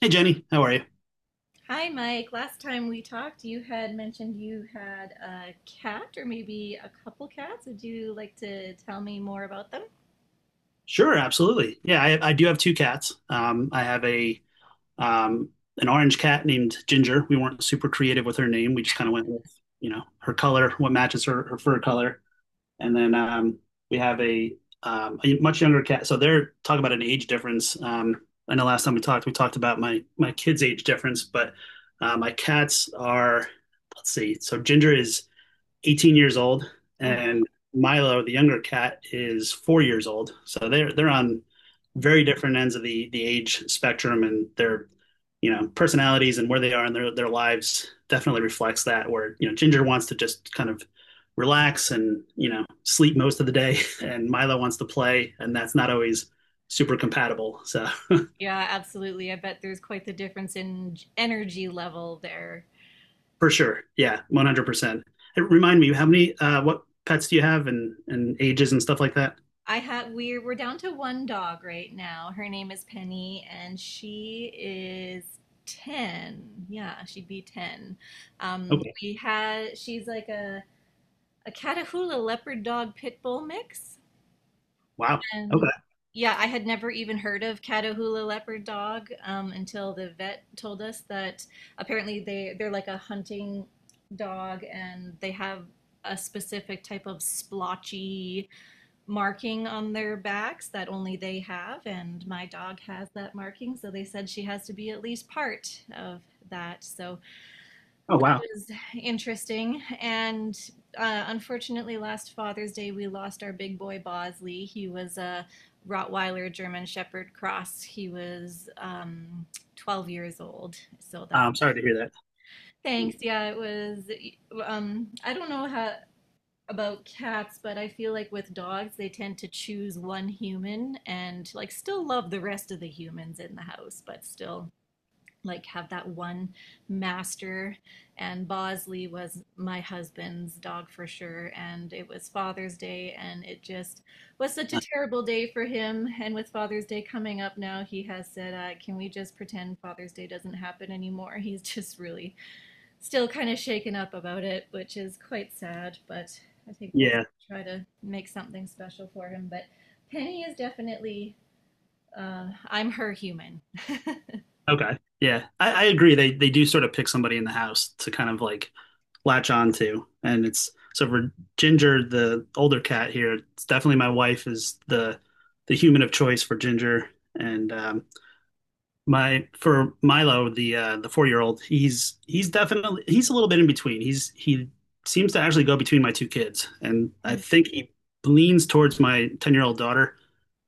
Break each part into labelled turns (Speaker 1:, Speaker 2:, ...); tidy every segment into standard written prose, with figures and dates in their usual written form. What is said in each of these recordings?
Speaker 1: Hey, Jenny, how are you?
Speaker 2: Hi, Mike. Last time we talked, you had mentioned you had a cat or maybe a couple cats. Would you like to tell me more about them?
Speaker 1: Sure, absolutely. Yeah, I do have two cats. I have a um, an orange cat named Ginger. We weren't super creative with her name. We just kind of went with her color, what matches her fur color. And then we have a much younger cat. So they're talking about an age difference. I know last time we talked about my kids' age difference, but my cats are, let's see. So Ginger is 18 years old,
Speaker 2: Oh my.
Speaker 1: and Milo, the younger cat, is 4 years old. So they're on very different ends of the age spectrum, and their personalities and where they are in their lives definitely reflects that. Where Ginger wants to just kind of relax and sleep most of the day, and Milo wants to play, and that's not always super compatible. So
Speaker 2: Yeah, absolutely. I bet there's quite the difference in energy level there.
Speaker 1: for sure, yeah, 100%. Hey, remind me, how many what pets do you have, and ages and stuff like that?
Speaker 2: I have we're down to one dog right now. Her name is Penny and she is 10. Yeah, she'd be 10.
Speaker 1: Okay,
Speaker 2: We had She's like a Catahoula leopard dog pit bull mix.
Speaker 1: wow,
Speaker 2: And
Speaker 1: okay.
Speaker 2: yeah, I had never even heard of Catahoula leopard dog until the vet told us that apparently they're like a hunting dog, and they have a specific type of splotchy marking on their backs that only they have, and my dog has that marking, so they said she has to be at least part of that. So
Speaker 1: Oh wow.
Speaker 2: was interesting. And unfortunately, last Father's Day, we lost our big boy Bosley. He was a Rottweiler German Shepherd cross. He was 12 years old. So that,
Speaker 1: I'm sorry to hear that.
Speaker 2: thanks. Yeah, it was. I don't know how about cats, but I feel like with dogs, they tend to choose one human and like still love the rest of the humans in the house, but still like have that one master. And Bosley was my husband's dog for sure, and it was Father's Day, and it just was such a
Speaker 1: Uh,
Speaker 2: terrible day for him. And with Father's Day coming up now, he has said, can we just pretend Father's Day doesn't happen anymore? He's just really still kind of shaken up about it, which is quite sad, but I think we'll
Speaker 1: yeah.
Speaker 2: try to make something special for him. But Penny is definitely, I'm her human.
Speaker 1: Okay. Yeah. I agree. They do sort of pick somebody in the house to kind of like latch on to. And it's so for Ginger, the older cat here, it's definitely my wife is the human of choice for Ginger. And my for Milo, the 4 year old, he's definitely he's a little bit in between. He seems to actually go between my two kids. And I think he leans towards my 10 year old daughter.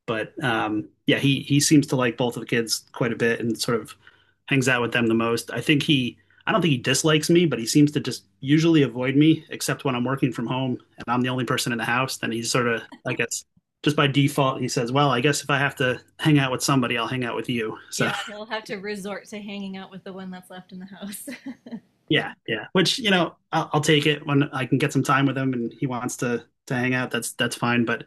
Speaker 1: But yeah, he seems to like both of the kids quite a bit and sort of hangs out with them the most. I think he I don't think he dislikes me, but he seems to just usually avoid me, except when I'm working from home and I'm the only person in the house. Then he's sort of, I guess, just by default, he says, "Well, I guess if I have to hang out with somebody, I'll hang out with you." So
Speaker 2: Yeah, he'll have to resort to hanging out with the one that's left in the house.
Speaker 1: yeah, yeah. Which I'll take it when I can get some time with him and he wants to hang out. That's fine. But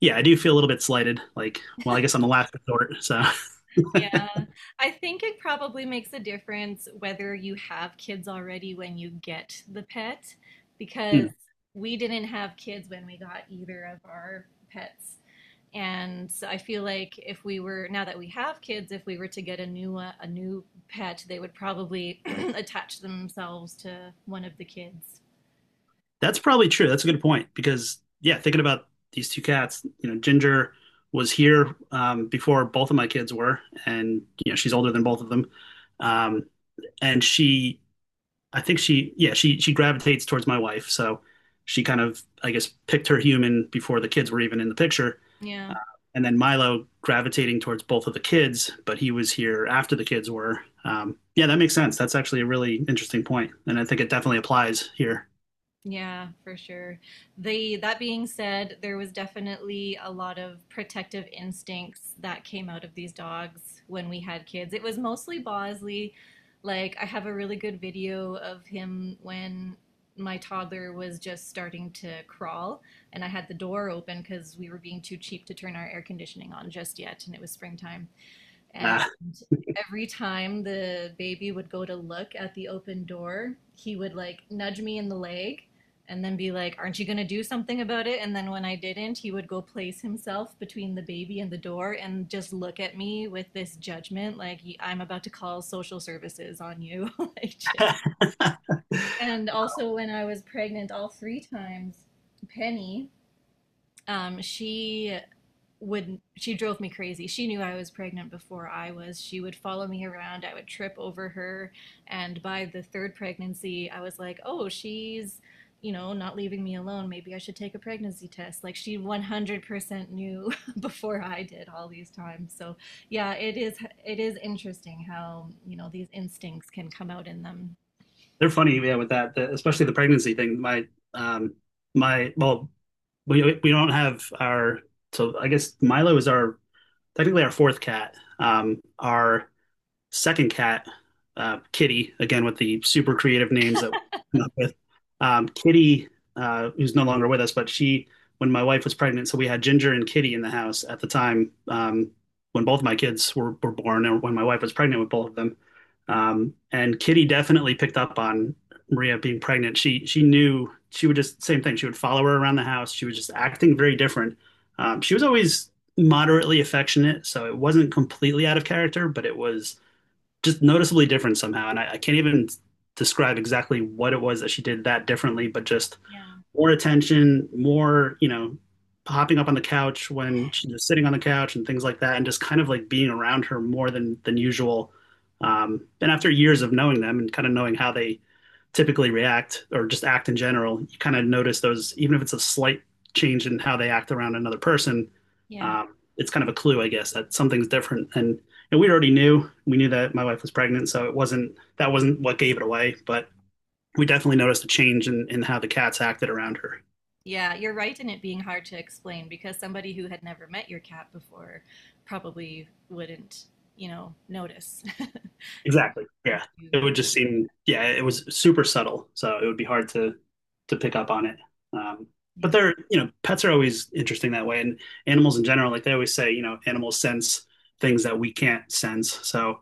Speaker 1: yeah, I do feel a little bit slighted. Like, well, I guess I'm the last resort. So.
Speaker 2: Yeah, I think it probably makes a difference whether you have kids already when you get the pet, because
Speaker 1: Hmm.
Speaker 2: we didn't have kids when we got either of our pets. And so I feel like if we were, now that we have kids, if we were to get a new a new pet, they would probably attach themselves to one of the kids.
Speaker 1: That's probably true. That's a good point because yeah, thinking about these two cats, you know, Ginger was here before both of my kids were, and you know, she's older than both of them. Um, and she, I think she, yeah, she gravitates towards my wife, so she kind of, I guess, picked her human before the kids were even in the picture.
Speaker 2: Yeah.
Speaker 1: Uh, and then Milo gravitating towards both of the kids, but he was here after the kids were. Yeah, that makes sense. That's actually a really interesting point, and I think it definitely applies here.
Speaker 2: Yeah, for sure. The That being said, there was definitely a lot of protective instincts that came out of these dogs when we had kids. It was mostly Bosley. Like, I have a really good video of him when my toddler was just starting to crawl, and I had the door open because we were being too cheap to turn our air conditioning on just yet, and it was springtime. And
Speaker 1: Uh,
Speaker 2: every time the baby would go to look at the open door, he would like nudge me in the leg and then be like, "Aren't you going to do something about it?" And then when I didn't, he would go place himself between the baby and the door and just look at me with this judgment like, "I'm about to call social services on you." Like, just. And also, when I was pregnant all three times, Penny, she would she drove me crazy. She knew I was pregnant before I was. She would follow me around. I would trip over her, and by the third pregnancy, I was like, "Oh, she's, you know, not leaving me alone. Maybe I should take a pregnancy test." Like, she 100% knew before I did all these times. So, yeah, it is interesting how, you know, these instincts can come out in them.
Speaker 1: They're funny, yeah, with that, especially the pregnancy thing. Um, my, we don't so I guess Milo is our technically our fourth cat. Our second cat, Kitty, again with the super creative names that we came up with. Kitty, who's no longer with us, when my wife was pregnant, so we had Ginger and Kitty in the house at the time when both my kids were born, or when my wife was pregnant with both of them. And Kitty definitely picked up on Maria being pregnant. She knew she would just same thing. She would follow her around the house. She was just acting very different. She was always moderately affectionate, so it wasn't completely out of character, but it was just noticeably different somehow. And I can't even describe exactly what it was that she did that differently, but just
Speaker 2: Yeah.
Speaker 1: more attention, more, you know, hopping up on the couch when she's just sitting on the couch and things like that, and just kind of like being around her more than usual. And after years of knowing them and kind of knowing how they typically react or just act in general, you kind of notice those, even if it's a slight change in how they act around another person,
Speaker 2: Yeah.
Speaker 1: it's kind of a clue, I guess, that something's different. And we already knew, we knew that my wife was pregnant, so it wasn't, that wasn't what gave it away, but we definitely noticed a change in how the cats acted around her.
Speaker 2: Yeah, you're right in it being hard to explain, because somebody who had never met your cat before probably wouldn't, you know, notice. It's
Speaker 1: Exactly.
Speaker 2: once
Speaker 1: Yeah.
Speaker 2: you,
Speaker 1: It would just seem, yeah, it was super subtle, so it would be hard to pick up on it. Um, but
Speaker 2: yeah.
Speaker 1: they're, you know, pets are always interesting that way, and animals in general, like they always say, you know, animals sense things that we can't sense. So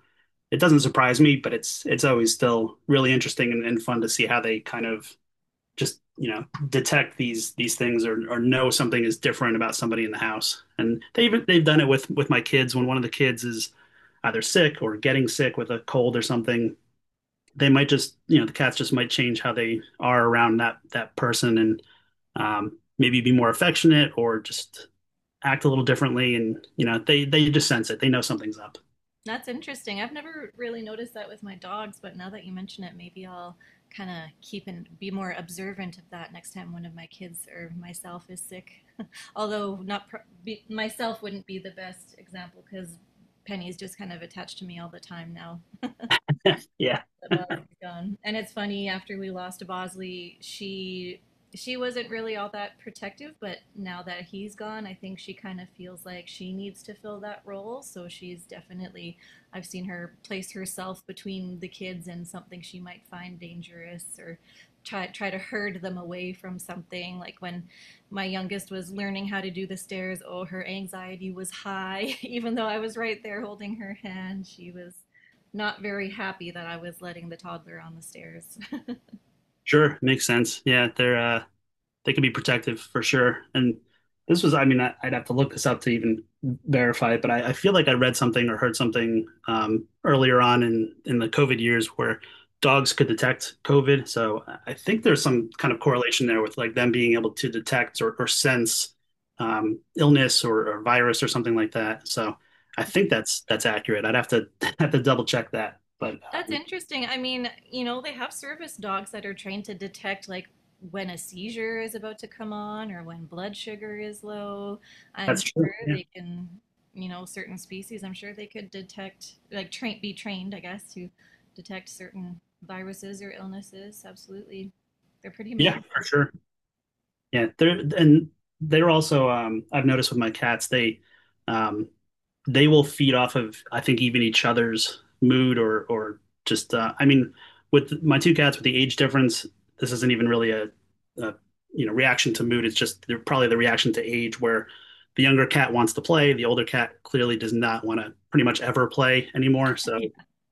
Speaker 1: it doesn't surprise me, but it's always still really interesting and fun to see how they kind of just you know detect these things or know something is different about somebody in the house and they even they've done it with my kids when one of the kids is either sick or getting sick with a cold or something they might just you know the cats just might change how they are around that person and maybe be more affectionate or just act a little differently and you know they just sense it they know something's up.
Speaker 2: That's interesting. I've never really noticed that with my dogs, but now that you mention it, maybe I'll kind of keep and be more observant of that next time one of my kids or myself is sick. Although not pr myself wouldn't be the best example, because Penny's just kind of attached to me all the time now
Speaker 1: Yeah,
Speaker 2: that Bosley's gone. And it's funny, after we lost to Bosley, she wasn't really all that protective, but now that he's gone, I think she kind of feels like she needs to fill that role. So she's definitely I've seen her place herself between the kids and something she might find dangerous, or try to herd them away from something. Like when my youngest was learning how to do the stairs, oh, her anxiety was high, even though I was right there holding her hand. She was not very happy that I was letting the toddler on the stairs.
Speaker 1: sure makes sense, yeah, they're they can be protective for sure. And this was, I mean, I would have to look this up to even verify it, but I feel like I read something or heard something earlier on in the COVID years where dogs could detect COVID. So I think there's some kind of correlation there with like them being able to detect or sense illness or virus or something like that. So I think that's accurate. I'd have to have to double check that, but
Speaker 2: That's interesting. I mean, you know, they have service dogs that are trained to detect like when a seizure is about to come on, or when blood sugar is low. I'm
Speaker 1: that's true.
Speaker 2: sure
Speaker 1: Yeah,
Speaker 2: they can, you know, certain species, I'm sure they could detect like train be trained, I guess, to detect certain viruses or illnesses. Absolutely. They're pretty amazing.
Speaker 1: yeah, for sure. Yeah, they're and they're also I've noticed with my cats um they will feed off of I think even each other's mood or just I mean with my two cats with the age difference this isn't even really a you know reaction to mood it's just they're probably the reaction to age where the younger cat wants to play the older cat clearly does not want to pretty much ever play anymore so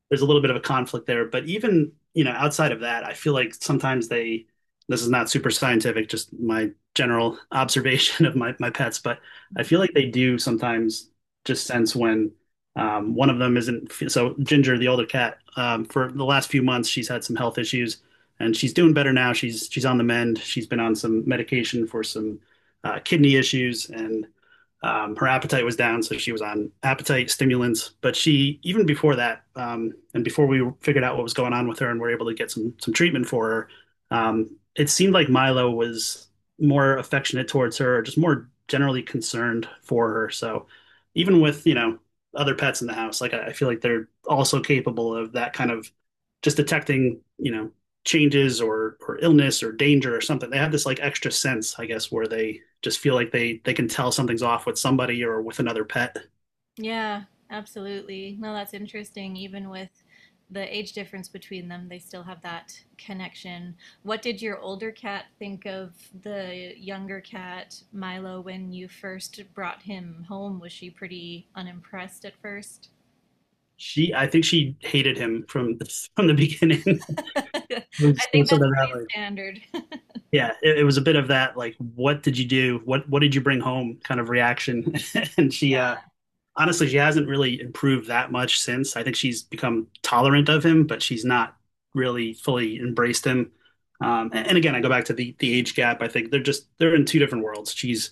Speaker 1: there's a little bit of a conflict there. But even, you know, outside of that, I feel like sometimes this is not super scientific, just my general observation of my pets, but I feel like they do sometimes just sense when one of them isn't. So Ginger, the older cat, for the last few months, she's had some health issues and she's doing better now. She's on the mend. She's been on some medication for some kidney issues and her appetite was down, so she was on appetite stimulants. But she, even before that, and before we figured out what was going on with her and were able to get some treatment for her, it seemed like Milo was more affectionate towards her, or just more generally concerned for her. So even with you know other pets in the house, like I feel like they're also capable of that kind of just detecting you know changes or illness or danger or something. They have this like extra sense, I guess, where they just feel like they can tell something's off with somebody or with another pet.
Speaker 2: Yeah, absolutely. No, that's interesting. Even with the age difference between them, they still have that connection. What did your older cat think of the younger cat, Milo, when you first brought him home? Was she pretty unimpressed at first?
Speaker 1: She, I think she hated him from the, from the beginning. It
Speaker 2: I
Speaker 1: was, it was
Speaker 2: think
Speaker 1: sort
Speaker 2: that's
Speaker 1: of that,
Speaker 2: pretty
Speaker 1: like,
Speaker 2: standard.
Speaker 1: yeah, it was a bit of that, like, what did you do? What did you bring home? Kind of reaction. And she,
Speaker 2: Yeah.
Speaker 1: honestly, she hasn't really improved that much since. I think she's become tolerant of him, but she's not really fully embraced him. And again, I go back to the age gap. I think they're in two different worlds. She's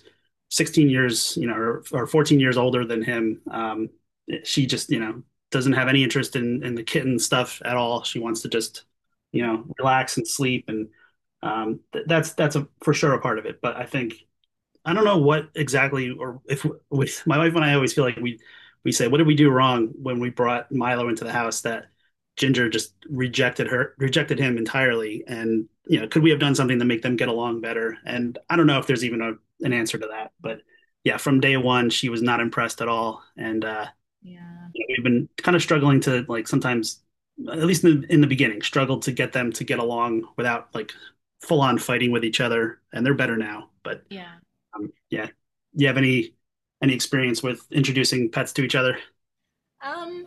Speaker 1: 16 years, you know, or 14 years older than him. She just, you know, doesn't have any interest in the kitten stuff at all. She wants to just, you know, relax and sleep, and that's a for sure a part of it. But I think I don't know what exactly, or if we, my wife and I always feel like we say, what did we do wrong when we brought Milo into the house that Ginger just rejected him entirely, and you know, could we have done something to make them get along better? And I don't know if there's even an answer to that, but yeah, from day one, she was not impressed at all, and
Speaker 2: Yeah.
Speaker 1: we've been kind of struggling to like at least in the beginning, struggled to get them to get along without like full on fighting with each other, and they're better now, but
Speaker 2: Yeah.
Speaker 1: yeah. You have any experience with introducing pets to each other?
Speaker 2: Um,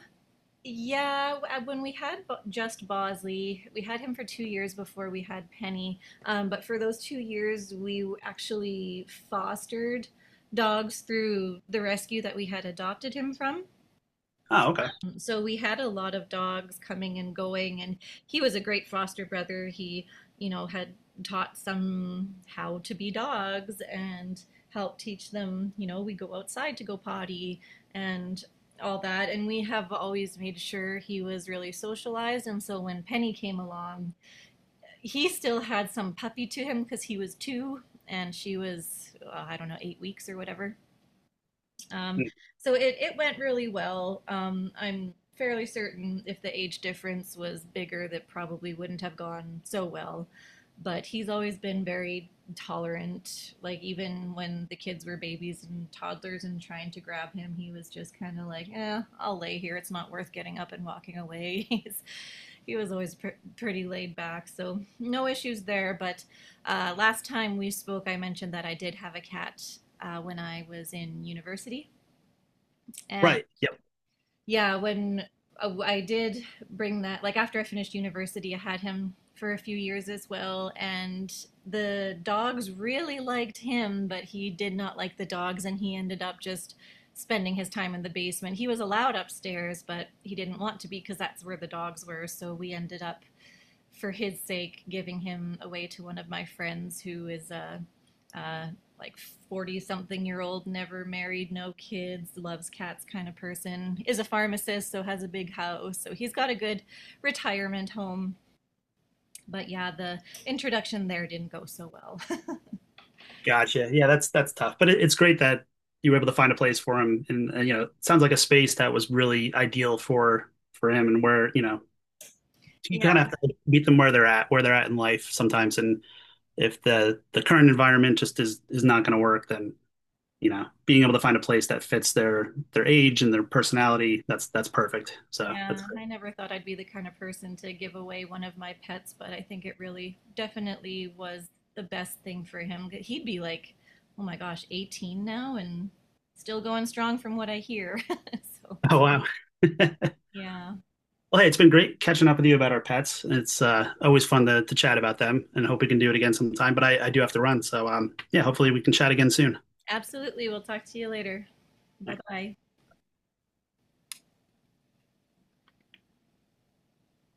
Speaker 2: Yeah, when we had just Bosley, we had him for 2 years before we had Penny. But for those 2 years, we actually fostered dogs through the rescue that we had adopted him from.
Speaker 1: Oh, okay.
Speaker 2: So we had a lot of dogs coming and going, and he was a great foster brother. He, you know, had taught some how to be dogs and helped teach them, you know, we go outside to go potty and all that. And we have always made sure he was really socialized. And so when Penny came along, he still had some puppy to him, because he was two and she was, I don't know, 8 weeks or whatever. Um,
Speaker 1: Mm,
Speaker 2: so it went really well. I'm fairly certain if the age difference was bigger, that probably wouldn't have gone so well. But he's always been very tolerant. Like, even when the kids were babies and toddlers and trying to grab him, he was just kind of like, eh, I'll lay here. It's not worth getting up and walking away. He's, he was always pretty laid back, so no issues there. But last time we spoke, I mentioned that I did have a cat when I was in university. And
Speaker 1: right. Yep.
Speaker 2: yeah, when I did bring that, like, after I finished university, I had him for a few years as well. And the dogs really liked him, but he did not like the dogs. And he ended up just spending his time in the basement. He was allowed upstairs, but he didn't want to be, because that's where the dogs were. So we ended up, for his sake, giving him away to one of my friends who is a like 40 something year old, never married, no kids, loves cats kind of person, is a pharmacist, so has a big house. So he's got a good retirement home. But yeah, the introduction there didn't go so well.
Speaker 1: Gotcha. Yeah, that's tough, but it's great that you were able to find a place for him, and you know, it sounds like a space that was really ideal for him, and where you know you
Speaker 2: Yeah,
Speaker 1: kind of have to meet them where they're at in life sometimes, and if the current environment just is not going to work, then you know, being able to find a place that fits their age and their personality, that's perfect. So that's
Speaker 2: yeah.
Speaker 1: great.
Speaker 2: I never thought I'd be the kind of person to give away one of my pets, but I think it really definitely was the best thing for him. He'd be like, oh my gosh, 18 now and still going strong from what I hear. So
Speaker 1: Oh wow.
Speaker 2: yeah,
Speaker 1: Well, hey, it's been great catching up with you about our pets. It's always fun to chat about them and hope we can do it again sometime. But I do have to run. So, yeah, hopefully we can chat again soon. All
Speaker 2: absolutely. We'll talk to you later. Bye
Speaker 1: right.
Speaker 2: bye.